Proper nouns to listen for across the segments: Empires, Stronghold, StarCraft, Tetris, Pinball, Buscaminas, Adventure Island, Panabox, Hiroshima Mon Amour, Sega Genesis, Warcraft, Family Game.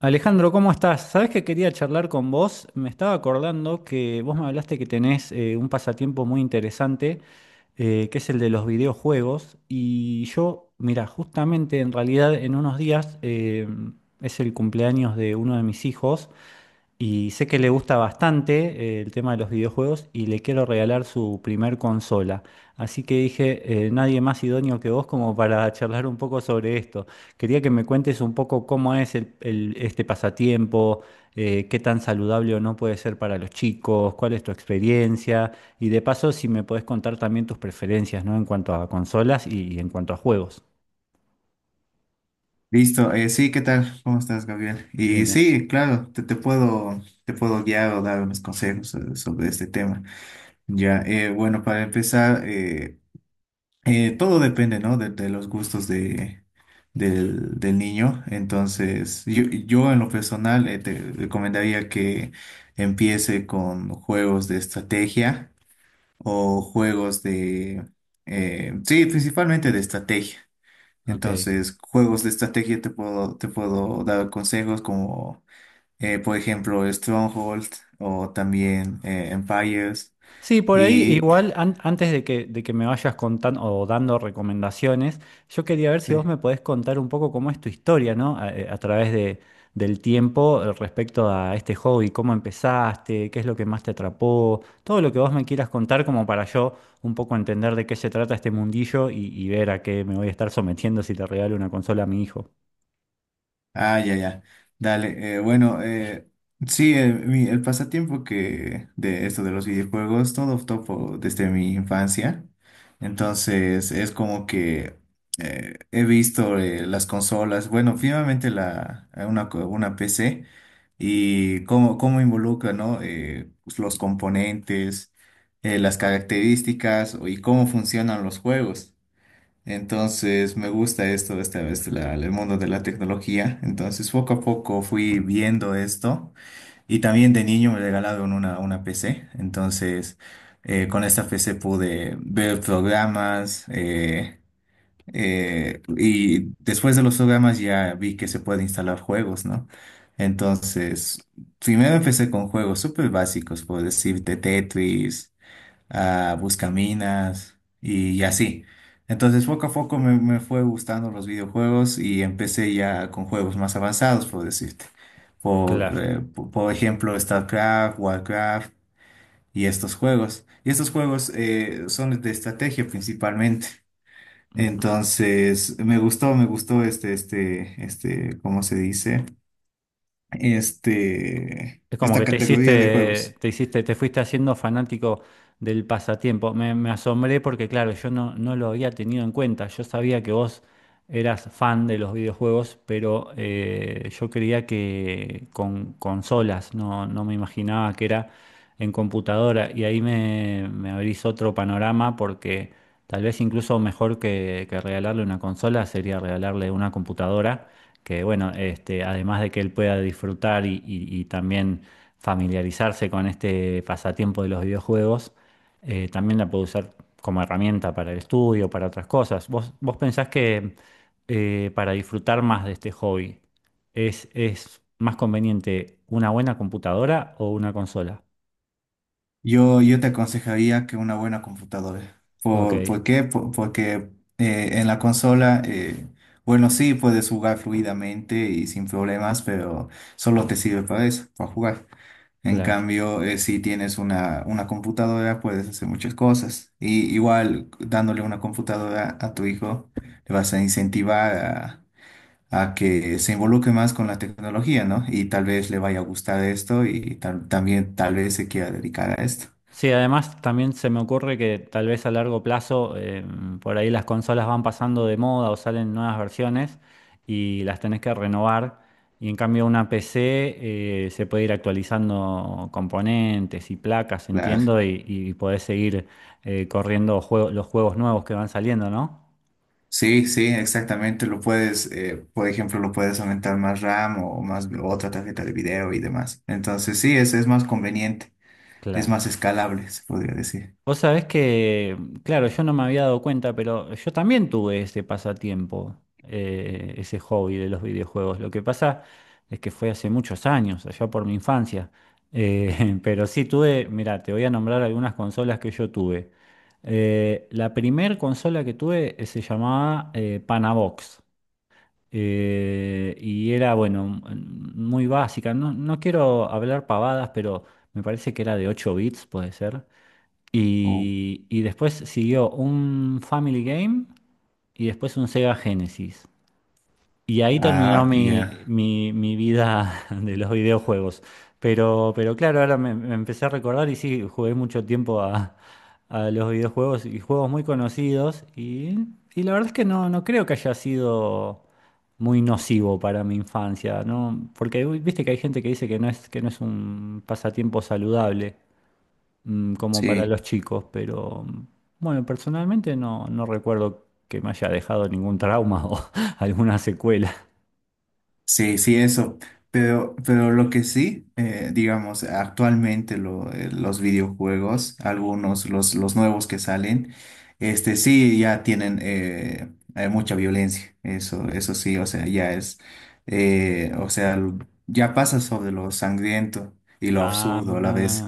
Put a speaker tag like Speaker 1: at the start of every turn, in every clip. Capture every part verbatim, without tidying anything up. Speaker 1: Alejandro, ¿cómo estás? Sabés que quería charlar con vos. Me estaba acordando que vos me hablaste que tenés eh, un pasatiempo muy interesante, eh, que es el de los videojuegos. Y yo, mira, justamente en realidad en unos días eh, es el cumpleaños de uno de mis hijos. Y sé que le gusta bastante eh, el tema de los videojuegos y le quiero regalar su primer consola. Así que dije, eh, nadie más idóneo que vos como para charlar un poco sobre esto. Quería que me cuentes un poco cómo es el- el- este pasatiempo, eh, qué tan saludable o no puede ser para los chicos, cuál es tu experiencia y de paso si me podés contar también tus preferencias, ¿no? En cuanto a consolas y, en cuanto a juegos.
Speaker 2: Listo, eh, sí, ¿qué tal? ¿Cómo estás, Gabriel?
Speaker 1: Bien,
Speaker 2: Y
Speaker 1: bien.
Speaker 2: sí, claro, te, te puedo, te puedo guiar o dar unos consejos eh, sobre este tema. Ya, eh, bueno, para empezar, eh, eh, todo depende, ¿no? De, de los gustos de, del, del niño. Entonces, yo, yo en lo personal eh, te recomendaría que empiece con juegos de estrategia o juegos de, eh, sí, principalmente de estrategia.
Speaker 1: Ok.
Speaker 2: Entonces, juegos de estrategia te puedo, te puedo dar consejos como, eh, por ejemplo, Stronghold o también eh, Empires.
Speaker 1: Sí, por ahí
Speaker 2: Y
Speaker 1: igual an- antes de que, de que me vayas contando o dando recomendaciones, yo quería ver si vos
Speaker 2: sí.
Speaker 1: me podés contar un poco cómo es tu historia, ¿no? A, eh, a través de, del tiempo eh, respecto a este hobby, cómo empezaste, qué es lo que más te atrapó, todo lo que vos me quieras contar como para yo un poco entender de qué se trata este mundillo y, y ver a qué me voy a estar sometiendo si te regalo una consola a mi hijo.
Speaker 2: Ah, ya, ya. Dale. Eh, bueno, eh, sí, eh, mi- el pasatiempo que de esto de los videojuegos, todo topo desde mi infancia. Entonces, es como que eh, he visto eh, las consolas, bueno, finalmente la, eh, una, co- una P C y cómo, cómo involucra, ¿no? Eh, pues, los componentes, eh, las características y cómo funcionan los juegos. Entonces me gusta esto de esta vez, la- el mundo de la tecnología. Entonces poco a poco fui viendo esto y también de niño me regalaron una, una P C. Entonces eh, con esta P C pude ver programas eh, eh, y después de los programas ya vi que se puede instalar juegos, ¿no? Entonces primero empecé con juegos súper básicos, por decirte Tetris a Buscaminas y, así. Entonces poco a poco me, me fue gustando los videojuegos y empecé ya con juegos más avanzados, por decirte. Por,
Speaker 1: Claro.
Speaker 2: eh, po- por ejemplo, StarCraft, Warcraft y estos juegos. Y estos juegos eh, son de estrategia principalmente. Entonces, me gustó, me gustó este, este, este, ¿cómo se dice? Este,
Speaker 1: Es como
Speaker 2: esta
Speaker 1: que te
Speaker 2: categoría de
Speaker 1: hiciste,
Speaker 2: juegos.
Speaker 1: te hiciste, te fuiste haciendo fanático del pasatiempo. Me, me asombré porque, claro, yo no, no lo había tenido en cuenta. Yo sabía que vos eras fan de los videojuegos, pero eh, yo creía que con consolas, no, no me imaginaba que era en computadora. Y ahí me, me abrís otro panorama porque tal vez incluso mejor que, que regalarle una consola sería regalarle una computadora, que bueno, este, además de que él pueda disfrutar y, y- y también familiarizarse con este pasatiempo de los videojuegos, eh, también la puede usar como herramienta para el estudio, para otras cosas. ¿Vos, vos pensás que eh, para disfrutar más de este hobby? ¿Es, es más conveniente una buena computadora o una consola?
Speaker 2: Yo, yo te aconsejaría que una buena computadora.
Speaker 1: Ok,
Speaker 2: ¿Por, por qué? Por- porque eh, en la consola, eh, bueno, sí puedes jugar fluidamente y sin problemas, pero solo te sirve para eso, para jugar. En
Speaker 1: claro.
Speaker 2: cambio, eh, si tienes una, una computadora, puedes hacer muchas cosas. Y igual, dándole una computadora a tu hijo, le vas a incentivar a, a que se involucre más con la tecnología, ¿no? Y tal vez le vaya a gustar esto y tal- también tal vez se quiera dedicar a esto.
Speaker 1: Sí, además también se me ocurre que tal vez a largo plazo eh, por ahí las consolas van pasando de moda o salen nuevas versiones y las tenés que renovar. Y en cambio una P C eh, se puede ir actualizando componentes y placas,
Speaker 2: Claro.
Speaker 1: entiendo, y, y, podés seguir eh, corriendo juego- los juegos nuevos que van saliendo, ¿no?
Speaker 2: Sí, sí, exactamente. Lo puedes, eh, por ejemplo, lo puedes aumentar más RAM o más otra tarjeta de video y demás. Entonces, sí, es, es más conveniente, es más
Speaker 1: Claro.
Speaker 2: escalable, se podría decir.
Speaker 1: Vos sabés que, claro, yo no me había dado cuenta, pero yo también tuve ese pasatiempo, eh, ese hobby de los videojuegos. Lo que pasa es que fue hace muchos años, allá por mi infancia. Eh, pero sí tuve, mira, te voy a nombrar algunas consolas que yo tuve. Eh, la primer consola que tuve eh, se llamaba eh, Panabox. Eh, y era, bueno, m- muy básica. No, no quiero hablar pavadas, pero me parece que era de ocho bits, puede ser.
Speaker 2: Oh.
Speaker 1: Y, y después siguió un Family Game y después un Sega Genesis. Y ahí terminó
Speaker 2: Ah,
Speaker 1: mi,
Speaker 2: ya.
Speaker 1: mi- mi vida de los videojuegos. Pero, pero claro, ahora me, me empecé a recordar y sí, jugué mucho tiempo a, a los videojuegos y juegos muy conocidos. Y, y la verdad es que no, no creo que haya sido muy nocivo para mi infancia, ¿no? Porque uy, viste que hay gente que dice que no es, que no es un pasatiempo saludable mm, como para
Speaker 2: Sí.
Speaker 1: los chicos, pero mm, bueno, personalmente no, no recuerdo que me haya dejado ningún trauma o alguna secuela.
Speaker 2: Sí, sí, eso. Pero, pero lo que sí, eh, digamos, actualmente lo- eh, los videojuegos, algunos, los, los nuevos que salen, este sí ya tienen eh, eh, mucha violencia. Eso, eso sí, o sea, ya es, eh, o sea, l- ya pasa sobre lo sangriento y lo
Speaker 1: Ah,
Speaker 2: absurdo a la vez.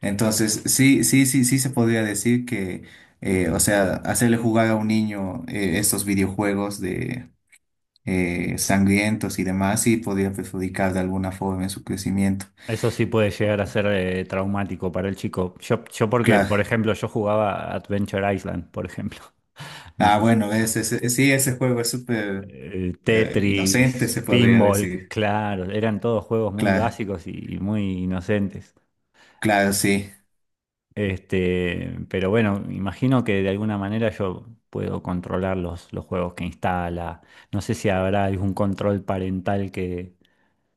Speaker 2: Entonces, sí, sí, sí, sí se podría decir que, eh, o sea, hacerle jugar a un niño eh, estos videojuegos eh, sangrientos y demás y podría perjudicar de alguna forma en su crecimiento.
Speaker 1: eso sí puede llegar a ser eh, traumático para el chico. Yo, yo porque,
Speaker 2: Claro.
Speaker 1: por ejemplo, yo jugaba Adventure Island, por ejemplo. No
Speaker 2: Ah,
Speaker 1: sé si-
Speaker 2: bueno, es, es- es- sí, ese juego es súper
Speaker 1: eh,
Speaker 2: eh, inocente,
Speaker 1: Tetris,
Speaker 2: se podría
Speaker 1: Pinball,
Speaker 2: decir.
Speaker 1: claro, eran todos juegos muy
Speaker 2: Claro,
Speaker 1: básicos y muy inocentes.
Speaker 2: claro, sí.
Speaker 1: Este, pero bueno, imagino que de alguna manera yo puedo controlar los, los juegos que instala. No sé si habrá algún control parental que,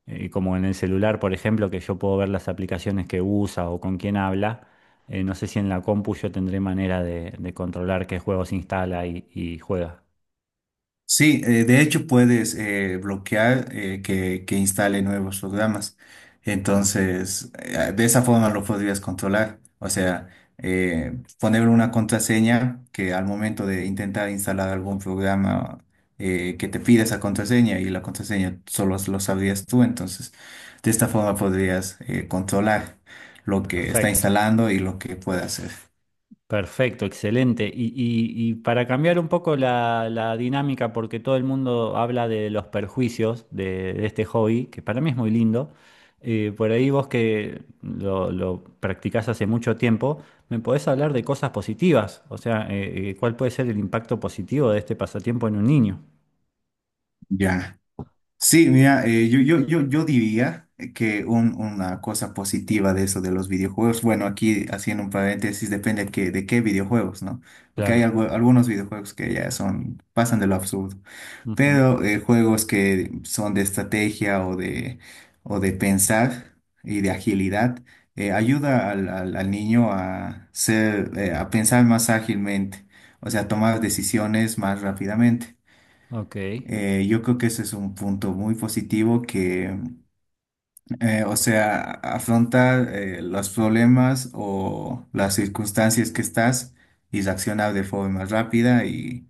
Speaker 1: eh, como en el celular, por ejemplo, que yo puedo ver las aplicaciones que usa o con quién habla. Eh, no sé si en la compu yo tendré manera de, de controlar qué juegos instala y, y juega.
Speaker 2: Sí, eh, de hecho puedes eh, bloquear eh, que, que instale nuevos programas.
Speaker 1: Ah,
Speaker 2: Entonces, eh, de esa forma lo podrías controlar. O sea, eh, ponerle una contraseña que al momento de intentar instalar algún programa eh, que te pida esa contraseña y la contraseña solo lo sabrías tú. Entonces, de esta forma podrías eh, controlar lo que está
Speaker 1: perfecto.
Speaker 2: instalando y lo que puede hacer.
Speaker 1: Perfecto, excelente. Y, y- y para cambiar un poco la, la dinámica, porque todo el mundo habla de los perjuicios de, de este hobby, que para mí es muy lindo, eh, por ahí vos que lo, lo practicás hace mucho tiempo, ¿me podés hablar de cosas positivas? O sea, eh, eh, ¿cuál puede ser el impacto positivo de este pasatiempo en un niño?
Speaker 2: Ya. Sí, mira, eh, yo, yo, yo, yo diría que un- una cosa positiva de eso de los videojuegos, bueno, aquí haciendo un paréntesis, depende de qué, de qué videojuegos, ¿no? Porque hay
Speaker 1: Claro.
Speaker 2: algu- algunos videojuegos que ya son, pasan de lo absurdo,
Speaker 1: Ujú.
Speaker 2: pero eh, juegos que son de estrategia o de, o de pensar y de agilidad, eh, ayuda al, al, al niño a ser, eh, a pensar más ágilmente, o sea, tomar decisiones más rápidamente.
Speaker 1: Ok.
Speaker 2: Eh, yo creo que ese es un punto muy positivo que, eh, o sea, afrontar eh, los problemas o las circunstancias que estás y reaccionar de forma rápida y,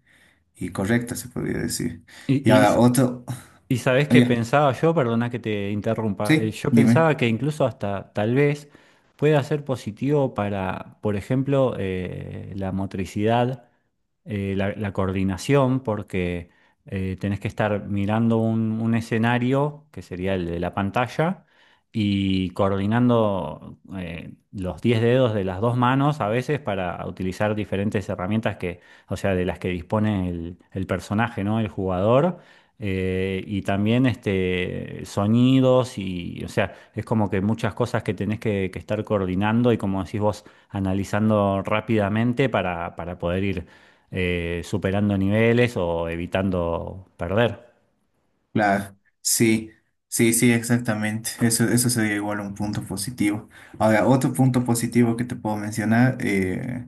Speaker 2: y correcta, se podría decir. Y
Speaker 1: ¿Y,
Speaker 2: ahora
Speaker 1: y
Speaker 2: otro,
Speaker 1: y sabés
Speaker 2: oh,
Speaker 1: qué
Speaker 2: ya,
Speaker 1: pensaba yo, perdona que te interrumpa, eh,
Speaker 2: sí,
Speaker 1: yo
Speaker 2: dime,
Speaker 1: pensaba que incluso hasta tal vez pueda ser positivo para, por ejemplo, eh, la motricidad, eh, la, la coordinación, porque eh, tenés que estar mirando un, un escenario, que sería el de la pantalla, y coordinando eh, los diez dedos de las dos manos a veces para utilizar diferentes herramientas que, o sea, de las que dispone el, el personaje, ¿no? El jugador. eh, y también este, sonidos y, o sea, es como que muchas cosas que tenés que, que estar coordinando y como decís vos, analizando rápidamente para, para poder ir eh, superando niveles o evitando perder.
Speaker 2: claro, sí, sí, sí, exactamente. Eso, eso sería igual un punto positivo. Ahora, otro punto positivo que te puedo mencionar, eh,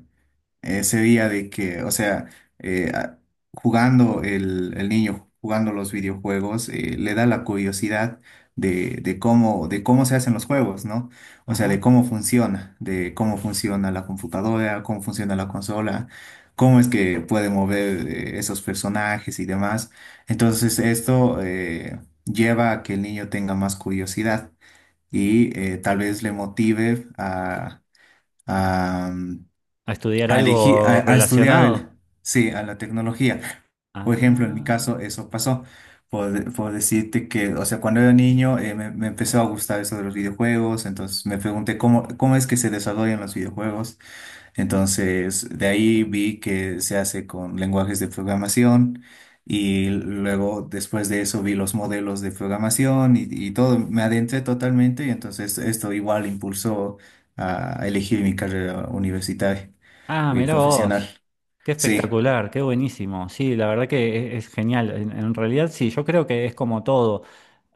Speaker 2: ese día de que, o sea, eh, a- jugando el, el niño, jugando los videojuegos, eh, le da la curiosidad de, de cómo, de cómo se hacen los juegos, ¿no? O sea, de
Speaker 1: Ajá.
Speaker 2: cómo funciona, de cómo funciona la computadora, cómo funciona la consola, cómo es que puede mover eh, esos personajes y demás. Entonces, esto eh, lleva a que el niño tenga más curiosidad y eh, tal vez le motive a... a
Speaker 1: A estudiar
Speaker 2: a, elegi-
Speaker 1: algo
Speaker 2: a- a estudiar
Speaker 1: relacionado.
Speaker 2: el- sí, a la tecnología. Por ejemplo, en mi
Speaker 1: Ah,
Speaker 2: caso eso pasó. Por, por decirte que, o sea, cuando era niño eh, me, me empezó a gustar eso de los videojuegos, entonces me pregunté cómo, cómo es que se desarrollan los videojuegos. Entonces, de ahí vi que se hace con lenguajes de programación y luego después de eso vi los modelos de programación y, y todo, me adentré totalmente y entonces esto igual impulsó a elegir mi carrera universitaria.
Speaker 1: ah,
Speaker 2: Y
Speaker 1: mira
Speaker 2: profesional.
Speaker 1: vos. Qué
Speaker 2: Sí,
Speaker 1: espectacular, qué buenísimo. Sí, la verdad que es, es genial. En, en realidad, sí, yo creo que es como todo.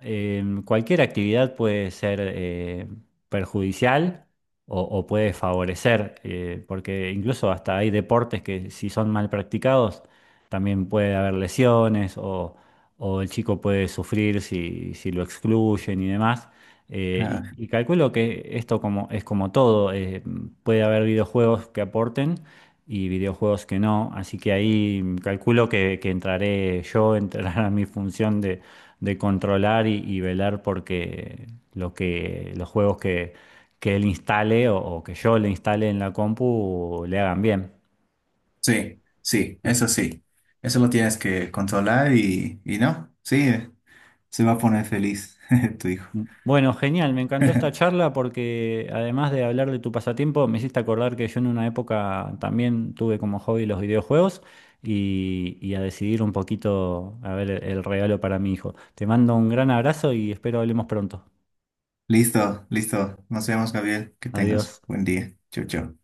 Speaker 1: Eh, cualquier actividad puede ser eh, perjudicial o, o puede favorecer, eh, porque incluso hasta hay deportes que si son mal practicados, también puede haber lesiones o, o el chico puede sufrir si, si lo excluyen y demás. Eh,
Speaker 2: ah,
Speaker 1: y, y calculo que esto como, es como todo. eh, puede haber videojuegos que aporten y videojuegos que no. Así que ahí calculo que, que entraré yo, entrará mi función de, de controlar y, y velar porque lo que, los juegos que, que él instale o, o que yo le instale en la compu le hagan bien.
Speaker 2: sí, sí, eso sí. Eso lo tienes que controlar y, y no, sí, se va a poner feliz tu hijo.
Speaker 1: Bueno, genial, me encantó esta charla porque además de hablar de tu pasatiempo, me hiciste acordar que yo en una época también tuve como hobby los videojuegos y, y a decidir un poquito a ver el regalo para mi hijo. Te mando un gran abrazo y espero hablemos pronto.
Speaker 2: Listo, listo. Nos vemos, Gabriel. Que
Speaker 1: Adiós.
Speaker 2: tengas buen día. Chau, chau.